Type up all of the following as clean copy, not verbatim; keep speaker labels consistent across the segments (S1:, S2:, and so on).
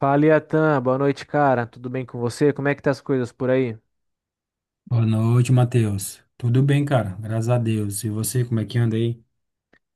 S1: Fala, Iatan. Boa noite, cara. Tudo bem com você? Como é que tá as coisas por aí?
S2: Boa noite, Matheus. Tudo bem, cara? Graças a Deus. E você, como é que anda aí?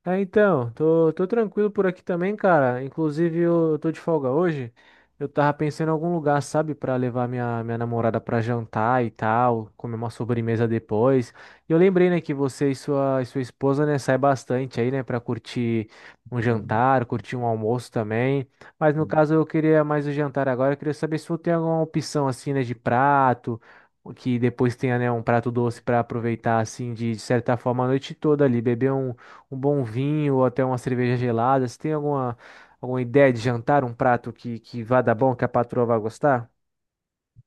S1: É, então, tô tranquilo por aqui também, cara. Inclusive, eu tô de folga hoje. Eu tava pensando em algum lugar, sabe, pra levar minha namorada pra jantar e tal, comer uma sobremesa depois. E eu lembrei, né, que você e sua esposa, né, sai bastante aí, né, pra curtir um jantar, curtir um almoço também. Mas no caso, eu queria mais o jantar agora. Eu queria saber se você tem alguma opção, assim, né, de prato, o que depois tenha, né, um prato doce pra aproveitar, assim, de certa forma, a noite toda ali, beber um bom vinho ou até uma cerveja gelada. Você tem alguma ideia de jantar, um prato que vá dar bom, que a patroa vai gostar?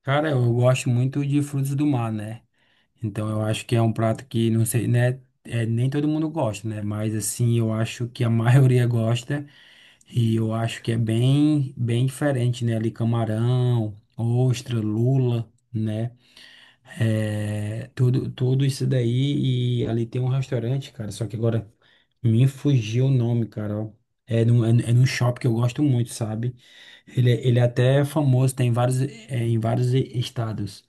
S2: Cara, eu gosto muito de frutos do mar, né? Então eu acho que é um prato que, não sei, né? É, nem todo mundo gosta, né? Mas assim, eu acho que a maioria gosta. E eu acho que é bem, bem diferente, né? Ali camarão, ostra, lula, né? É, tudo isso daí e ali tem um restaurante, cara, só que agora me fugiu o nome, cara, ó. É num shopping que eu gosto muito, sabe? Ele é até famoso, tem em vários estados.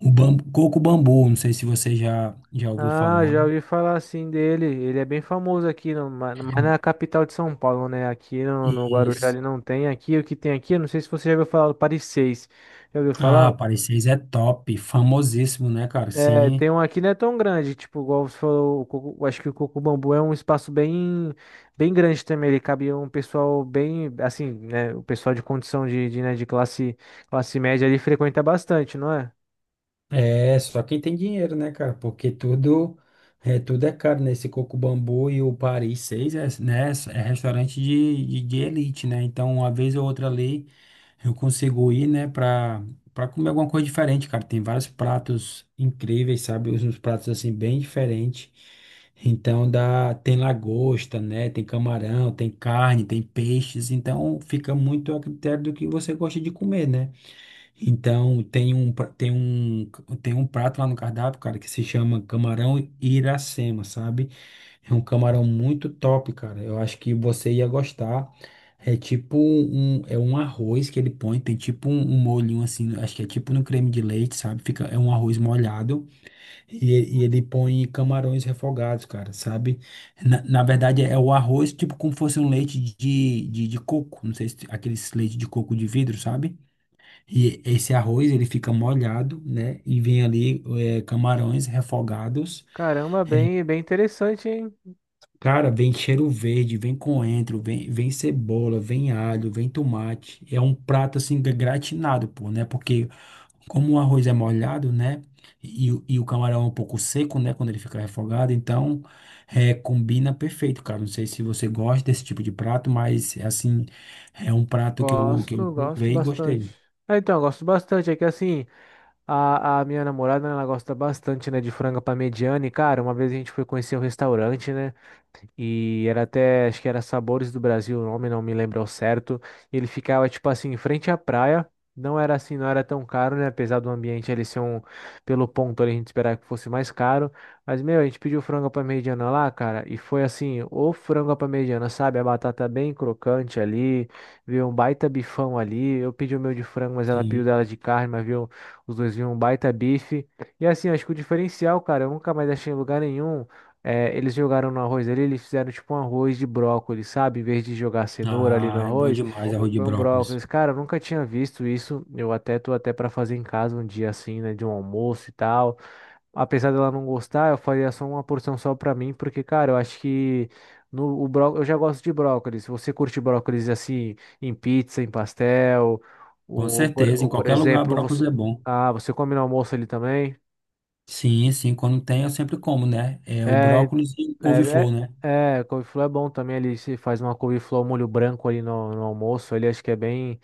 S2: Coco bambu, não sei se você já ouviu
S1: Ah,
S2: falar.
S1: já ouvi falar assim dele. Ele é bem famoso aqui, no, ma- mas na capital de São Paulo, né? Aqui no Guarujá ele
S2: Isso.
S1: não tem. Aqui o que tem aqui, eu não sei se você já ouviu falar do Paris 6. Já ouviu
S2: Ah,
S1: falar?
S2: o Paris 6 é top, famosíssimo, né, cara?
S1: É,
S2: Sim.
S1: tem um aqui não é tão grande, tipo, igual você falou, eu acho que o Coco Bambu é um espaço bem, bem grande também, ele cabia um pessoal bem, assim, né, o pessoal de condição de classe, classe média ali frequenta bastante, não é?
S2: É, só quem tem dinheiro, né, cara? Porque tudo é caro, né? Esse Coco Bambu e o Paris 6 é, né, é restaurante de elite, né? Então, uma vez ou outra ali, eu consigo ir, né, pra comer alguma coisa diferente, cara. Tem vários pratos incríveis, sabe? Uns pratos, assim, bem diferentes. Então, dá, tem lagosta, né? Tem camarão, tem carne, tem peixes. Então, fica muito a critério do que você gosta de comer, né? Então, tem um prato lá no cardápio, cara, que se chama camarão Iracema, sabe? É um camarão muito top, cara. Eu acho que você ia gostar. É um arroz que ele põe, tem tipo um molhinho assim, acho que é tipo no creme de leite, sabe? Fica, é um arroz molhado e ele põe camarões refogados, cara, sabe? Na verdade é o arroz tipo como fosse um leite de coco, não sei se aqueles leite de coco de vidro, sabe? E esse arroz, ele fica molhado, né? E vem ali camarões refogados.
S1: Caramba, bem, bem interessante, hein?
S2: Cara, vem cheiro verde, vem coentro, vem cebola, vem alho, vem tomate. É um prato, assim, gratinado, pô, né? Porque como o arroz é molhado, né? E o camarão é um pouco seco, né? Quando ele fica refogado. Então, combina perfeito, cara. Não sei se você gosta desse tipo de prato, mas, assim, é um prato que que eu
S1: Gosto, gosto
S2: provei e
S1: bastante.
S2: gostei.
S1: Ah, então, gosto bastante, é que assim, a minha namorada, né, ela gosta bastante, né, de franga parmegiana. E, cara, uma vez a gente foi conhecer um restaurante, né? E era até, acho que era Sabores do Brasil, o nome não me lembro ao certo. E ele ficava, tipo assim, em frente à praia. Não era assim, não era tão caro, né? Apesar do ambiente ali ser um, pelo ponto ali, a gente esperava que fosse mais caro. Mas, meu, a gente pediu frango à parmegiana lá, cara, e foi assim, o frango à parmegiana, sabe? A batata bem crocante ali, veio um baita bifão ali. Eu pedi o meu de frango, mas ela pediu
S2: Sim.
S1: dela de carne, mas viu os dois vinham um baita bife. E assim, acho que o diferencial, cara, eu nunca mais achei em lugar nenhum. É, eles jogaram no arroz ali, eles fizeram tipo um arroz de brócolis, sabe? Em vez de jogar cenoura ali no
S2: Ah, é bom
S1: arroz,
S2: demais arroz de
S1: foi um
S2: brócolis.
S1: brócolis. Cara, eu nunca tinha visto isso. Eu até tô até pra fazer em casa um dia assim, né? De um almoço e tal apesar dela não gostar, eu faria só uma porção só pra mim, porque, cara, eu acho que no, o bró, eu já gosto de brócolis. Se você curte brócolis assim, em pizza, em pastel,
S2: Com certeza,
S1: ou,
S2: em
S1: por
S2: qualquer lugar
S1: exemplo,
S2: brócolis é
S1: você.
S2: bom.
S1: Ah, você come no almoço ali também?
S2: Sim, sim, quando tem eu sempre como, né? É o
S1: É,
S2: brócolis e couve-flor,
S1: é,
S2: né?
S1: couve-flor é bom também. Ali se faz uma couve-flor ao molho branco ali no almoço. Ali acho que é bem.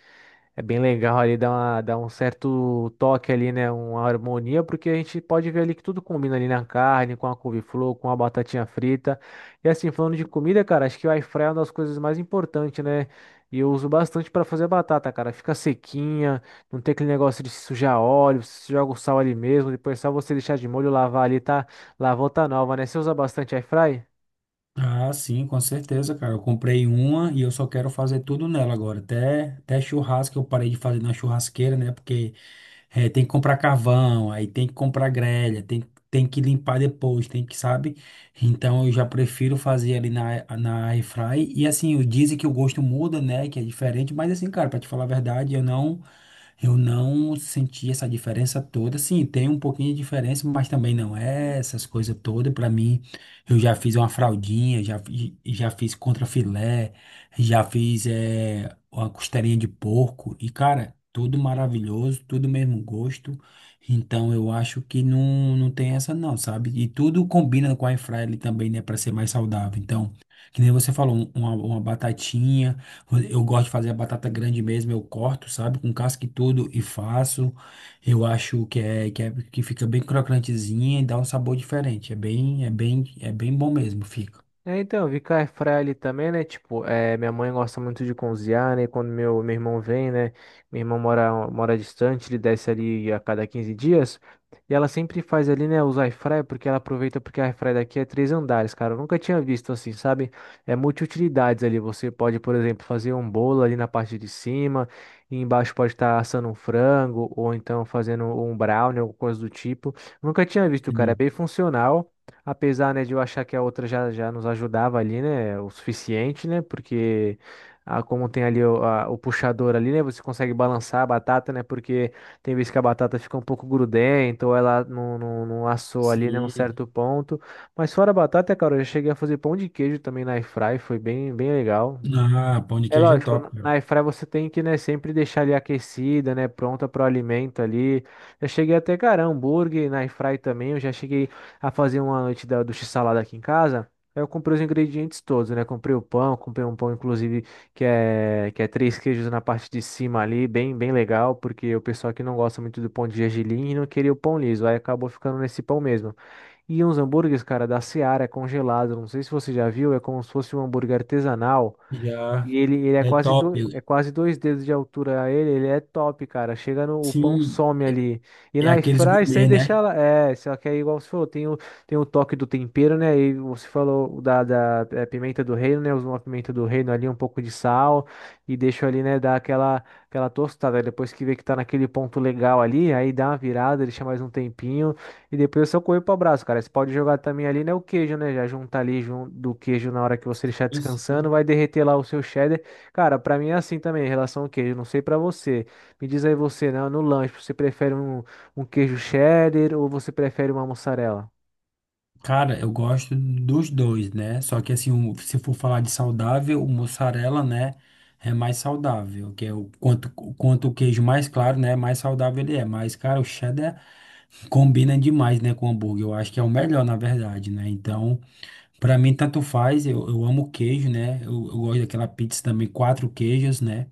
S1: É bem legal ali, dá um certo toque ali, né? Uma harmonia, porque a gente pode ver ali que tudo combina ali na carne, com a couve-flor, com a batatinha frita. E assim, falando de comida, cara, acho que o air fryer é uma das coisas mais importantes, né? E eu uso bastante para fazer batata, cara. Fica sequinha, não tem aquele negócio de sujar óleo, você joga o sal ali mesmo, depois é só você deixar de molho, lavar ali, tá? Lavou tá nova, né? Você usa bastante air fry?
S2: Ah, sim, com certeza, cara. Eu comprei uma e eu só quero fazer tudo nela agora. Até churrasco eu parei de fazer na churrasqueira, né? Porque tem que comprar carvão, aí tem que comprar grelha, tem que limpar depois, tem que, sabe? Então eu já prefiro fazer ali na, na air fry. E assim, dizem que o gosto muda, né? Que é diferente, mas assim, cara, pra te falar a verdade, eu não senti essa diferença toda. Sim, tem um pouquinho de diferença, mas também não é essas coisas todas. Para mim, eu já fiz uma fraldinha, já fiz contrafilé, já fiz. é, uma costelinha de porco e, cara, tudo maravilhoso, tudo mesmo gosto. Então eu acho que não tem essa não, sabe? E tudo combina com a airfryer ali também, né, para ser mais saudável. Então, que nem você falou, uma batatinha, eu gosto de fazer a batata grande mesmo, eu corto, sabe, com casca e tudo e faço. Eu acho que que fica bem crocantezinha e dá um sabor diferente. É bem bom mesmo, fica.
S1: É, então, ficar air fryer ali também, né? Tipo, é, minha mãe gosta muito de cozinhar, né? Quando meu irmão vem, né? Meu irmão mora distante, ele desce ali a cada 15 dias. E ela sempre faz ali, né? Os air fryer, porque ela aproveita porque a air fryer daqui é três andares, cara. Eu nunca tinha visto assim, sabe? É multiutilidades ali. Você pode, por exemplo, fazer um bolo ali na parte de cima. E embaixo pode estar assando um frango ou então fazendo um brownie, alguma coisa do tipo. Nunca tinha visto, cara. É
S2: Sim.
S1: bem funcional. Apesar, né, de eu achar que a outra já, já nos ajudava ali, né, o suficiente, né, porque ah, como tem ali o, o puxador ali, né, você consegue balançar a batata, né, porque tem vezes que a batata fica um pouco grudenta ou ela não assou ali, né, um
S2: Sim.
S1: certo ponto. Mas fora a batata, cara, eu já cheguei a fazer pão de queijo também na airfry, foi bem, bem legal.
S2: Ah, pão de
S1: É
S2: queijo é
S1: lógico, na
S2: top,
S1: na airfryer você tem que, né, sempre deixar ali aquecida, né, pronta para o alimento ali. Já cheguei até, cara, hambúrguer na airfryer também, eu já cheguei a fazer uma noite da, do x-salada aqui em casa. Aí eu comprei os ingredientes todos, né, comprei o pão, comprei um pão, inclusive, que é três queijos na parte de cima ali, bem, bem legal, porque o pessoal que não gosta muito do pão de gergelim e não queria o pão liso, aí acabou ficando nesse pão mesmo. E uns hambúrgueres, cara, da Seara, é congelado, não sei se você já viu, é como se fosse um hambúrguer artesanal,
S2: já
S1: e ele é
S2: é
S1: quase do,
S2: top.
S1: é quase dois dedos de altura a ele, ele é top, cara. Chega no, o pão
S2: Sim,
S1: some ali. E
S2: é
S1: na
S2: aqueles
S1: airfryer, isso aí
S2: gourmet, né?
S1: deixa ela, é, só que é igual você falou, tem o toque do tempero, né? E você falou da pimenta do reino, né? Usa uma pimenta do reino ali, um pouco de sal e deixa ali, né, dá aquela tostada. Depois que vê que tá naquele ponto legal ali, aí dá uma virada, deixa mais um tempinho. E depois eu só correr pro braço, cara. Você pode jogar também ali, né, o queijo, né? Já juntar ali junto do queijo na hora que você deixar
S2: Sim,
S1: descansando,
S2: sim.
S1: vai derreter lá o seu cheddar. Cara, pra mim é assim também, em relação ao queijo. Não sei pra você. Me diz aí você, né, no lanche, você prefere um queijo cheddar ou você prefere uma mussarela?
S2: Cara, eu gosto dos dois, né? Só que assim, se for falar de saudável, o mussarela, né, é mais saudável, que é o quanto o queijo mais claro, né, mais saudável ele é. Mas, cara, o cheddar combina demais, né, com o hambúrguer. Eu acho que é o melhor, na verdade, né? Então, pra mim, tanto faz, eu amo queijo, né? Eu gosto daquela pizza também, quatro queijos, né?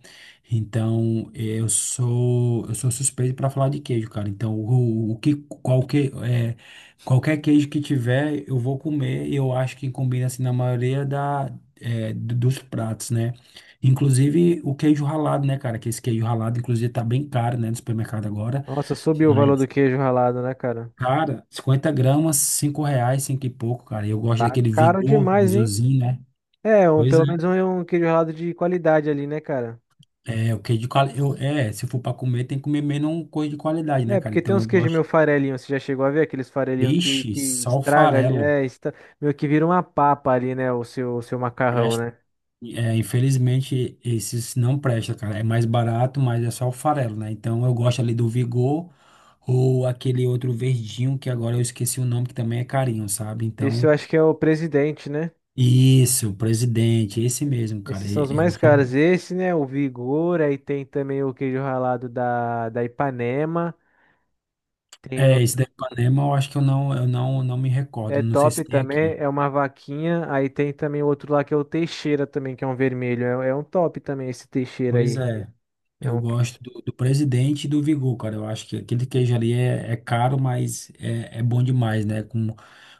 S2: Então, eu sou suspeito pra falar de queijo, cara. Então, qualquer, é, qualquer queijo que tiver, eu vou comer. E eu acho que combina, assim, na maioria dos pratos, né? Inclusive, o queijo ralado, né, cara? Que esse queijo ralado, inclusive, tá bem caro, né, no supermercado agora.
S1: Nossa, subiu o valor do queijo ralado, né, cara?
S2: Cara, 50 g, R$ 5, 5 e pouco, cara. Eu gosto
S1: Tá
S2: daquele
S1: caro
S2: Vigor
S1: demais, hein?
S2: azulzinho, né?
S1: É, um,
S2: Pois
S1: pelo menos
S2: é.
S1: um queijo ralado de qualidade ali, né, cara?
S2: É, o que de quali... eu, é, se for pra comer, tem que comer menos um coisa de qualidade,
S1: É,
S2: né, cara?
S1: porque tem
S2: Então
S1: uns
S2: eu
S1: queijos meio
S2: gosto.
S1: farelinho, você já chegou a ver aqueles farelinhos que,
S2: Vixe,
S1: que
S2: só o
S1: estraga ali,
S2: farelo.
S1: meio que vira uma papa ali, né, o seu macarrão,
S2: Presta...
S1: né?
S2: É, infelizmente, esses não prestam, cara. É mais barato, mas é só o farelo, né? Então eu gosto ali do Vigor ou aquele outro verdinho que agora eu esqueci o nome, que também é carinho, sabe?
S1: Esse
S2: Então,
S1: eu acho que é o presidente, né?
S2: isso, Presidente, esse mesmo, cara.
S1: Esses são os mais caros. Esse, né, o Vigor, aí tem também o queijo ralado da Ipanema, tem o...
S2: É, esse da Ipanema eu acho que eu não, não me recordo,
S1: É
S2: não sei se
S1: top
S2: tem
S1: também,
S2: aqui.
S1: é uma vaquinha, aí tem também o outro lá que é o Teixeira também, que é um vermelho, é um top também esse Teixeira
S2: Pois
S1: aí.
S2: é,
S1: é
S2: eu
S1: um
S2: gosto do Presidente e do Vigor, cara. Eu acho que aquele queijo ali é caro, mas é bom demais, né? Com,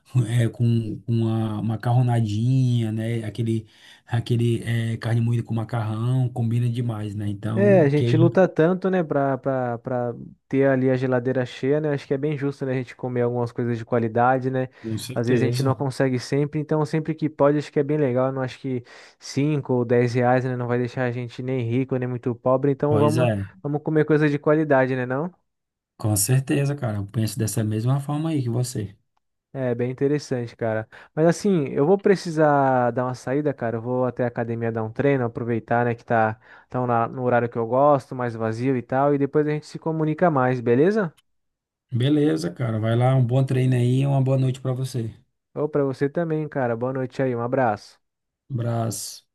S2: com uma macarronadinha, né? Aquele carne moída com macarrão, combina demais, né?
S1: É,
S2: Então,
S1: a gente
S2: queijo.
S1: luta tanto, né, pra ter ali a geladeira cheia, né? Acho que é bem justo, né, a gente comer algumas coisas de qualidade, né?
S2: Com
S1: Às vezes a gente não
S2: certeza.
S1: consegue sempre, então sempre que pode, acho que é bem legal. Eu não acho que 5 ou 10 reais, né, não vai deixar a gente nem rico, nem muito pobre, então
S2: Pois é,
S1: vamos comer coisa de qualidade, né, não?
S2: com certeza, cara. Eu penso dessa mesma forma aí que você.
S1: É, bem interessante, cara. Mas assim, eu vou precisar dar uma saída, cara. Eu vou até a academia dar um treino, aproveitar, né, que no horário que eu gosto, mais vazio e tal, e depois a gente se comunica mais, beleza?
S2: Beleza, cara. Vai lá, um bom treino aí e uma boa noite pra você.
S1: Ô, pra você também, cara. Boa noite aí. Um abraço.
S2: Um abraço.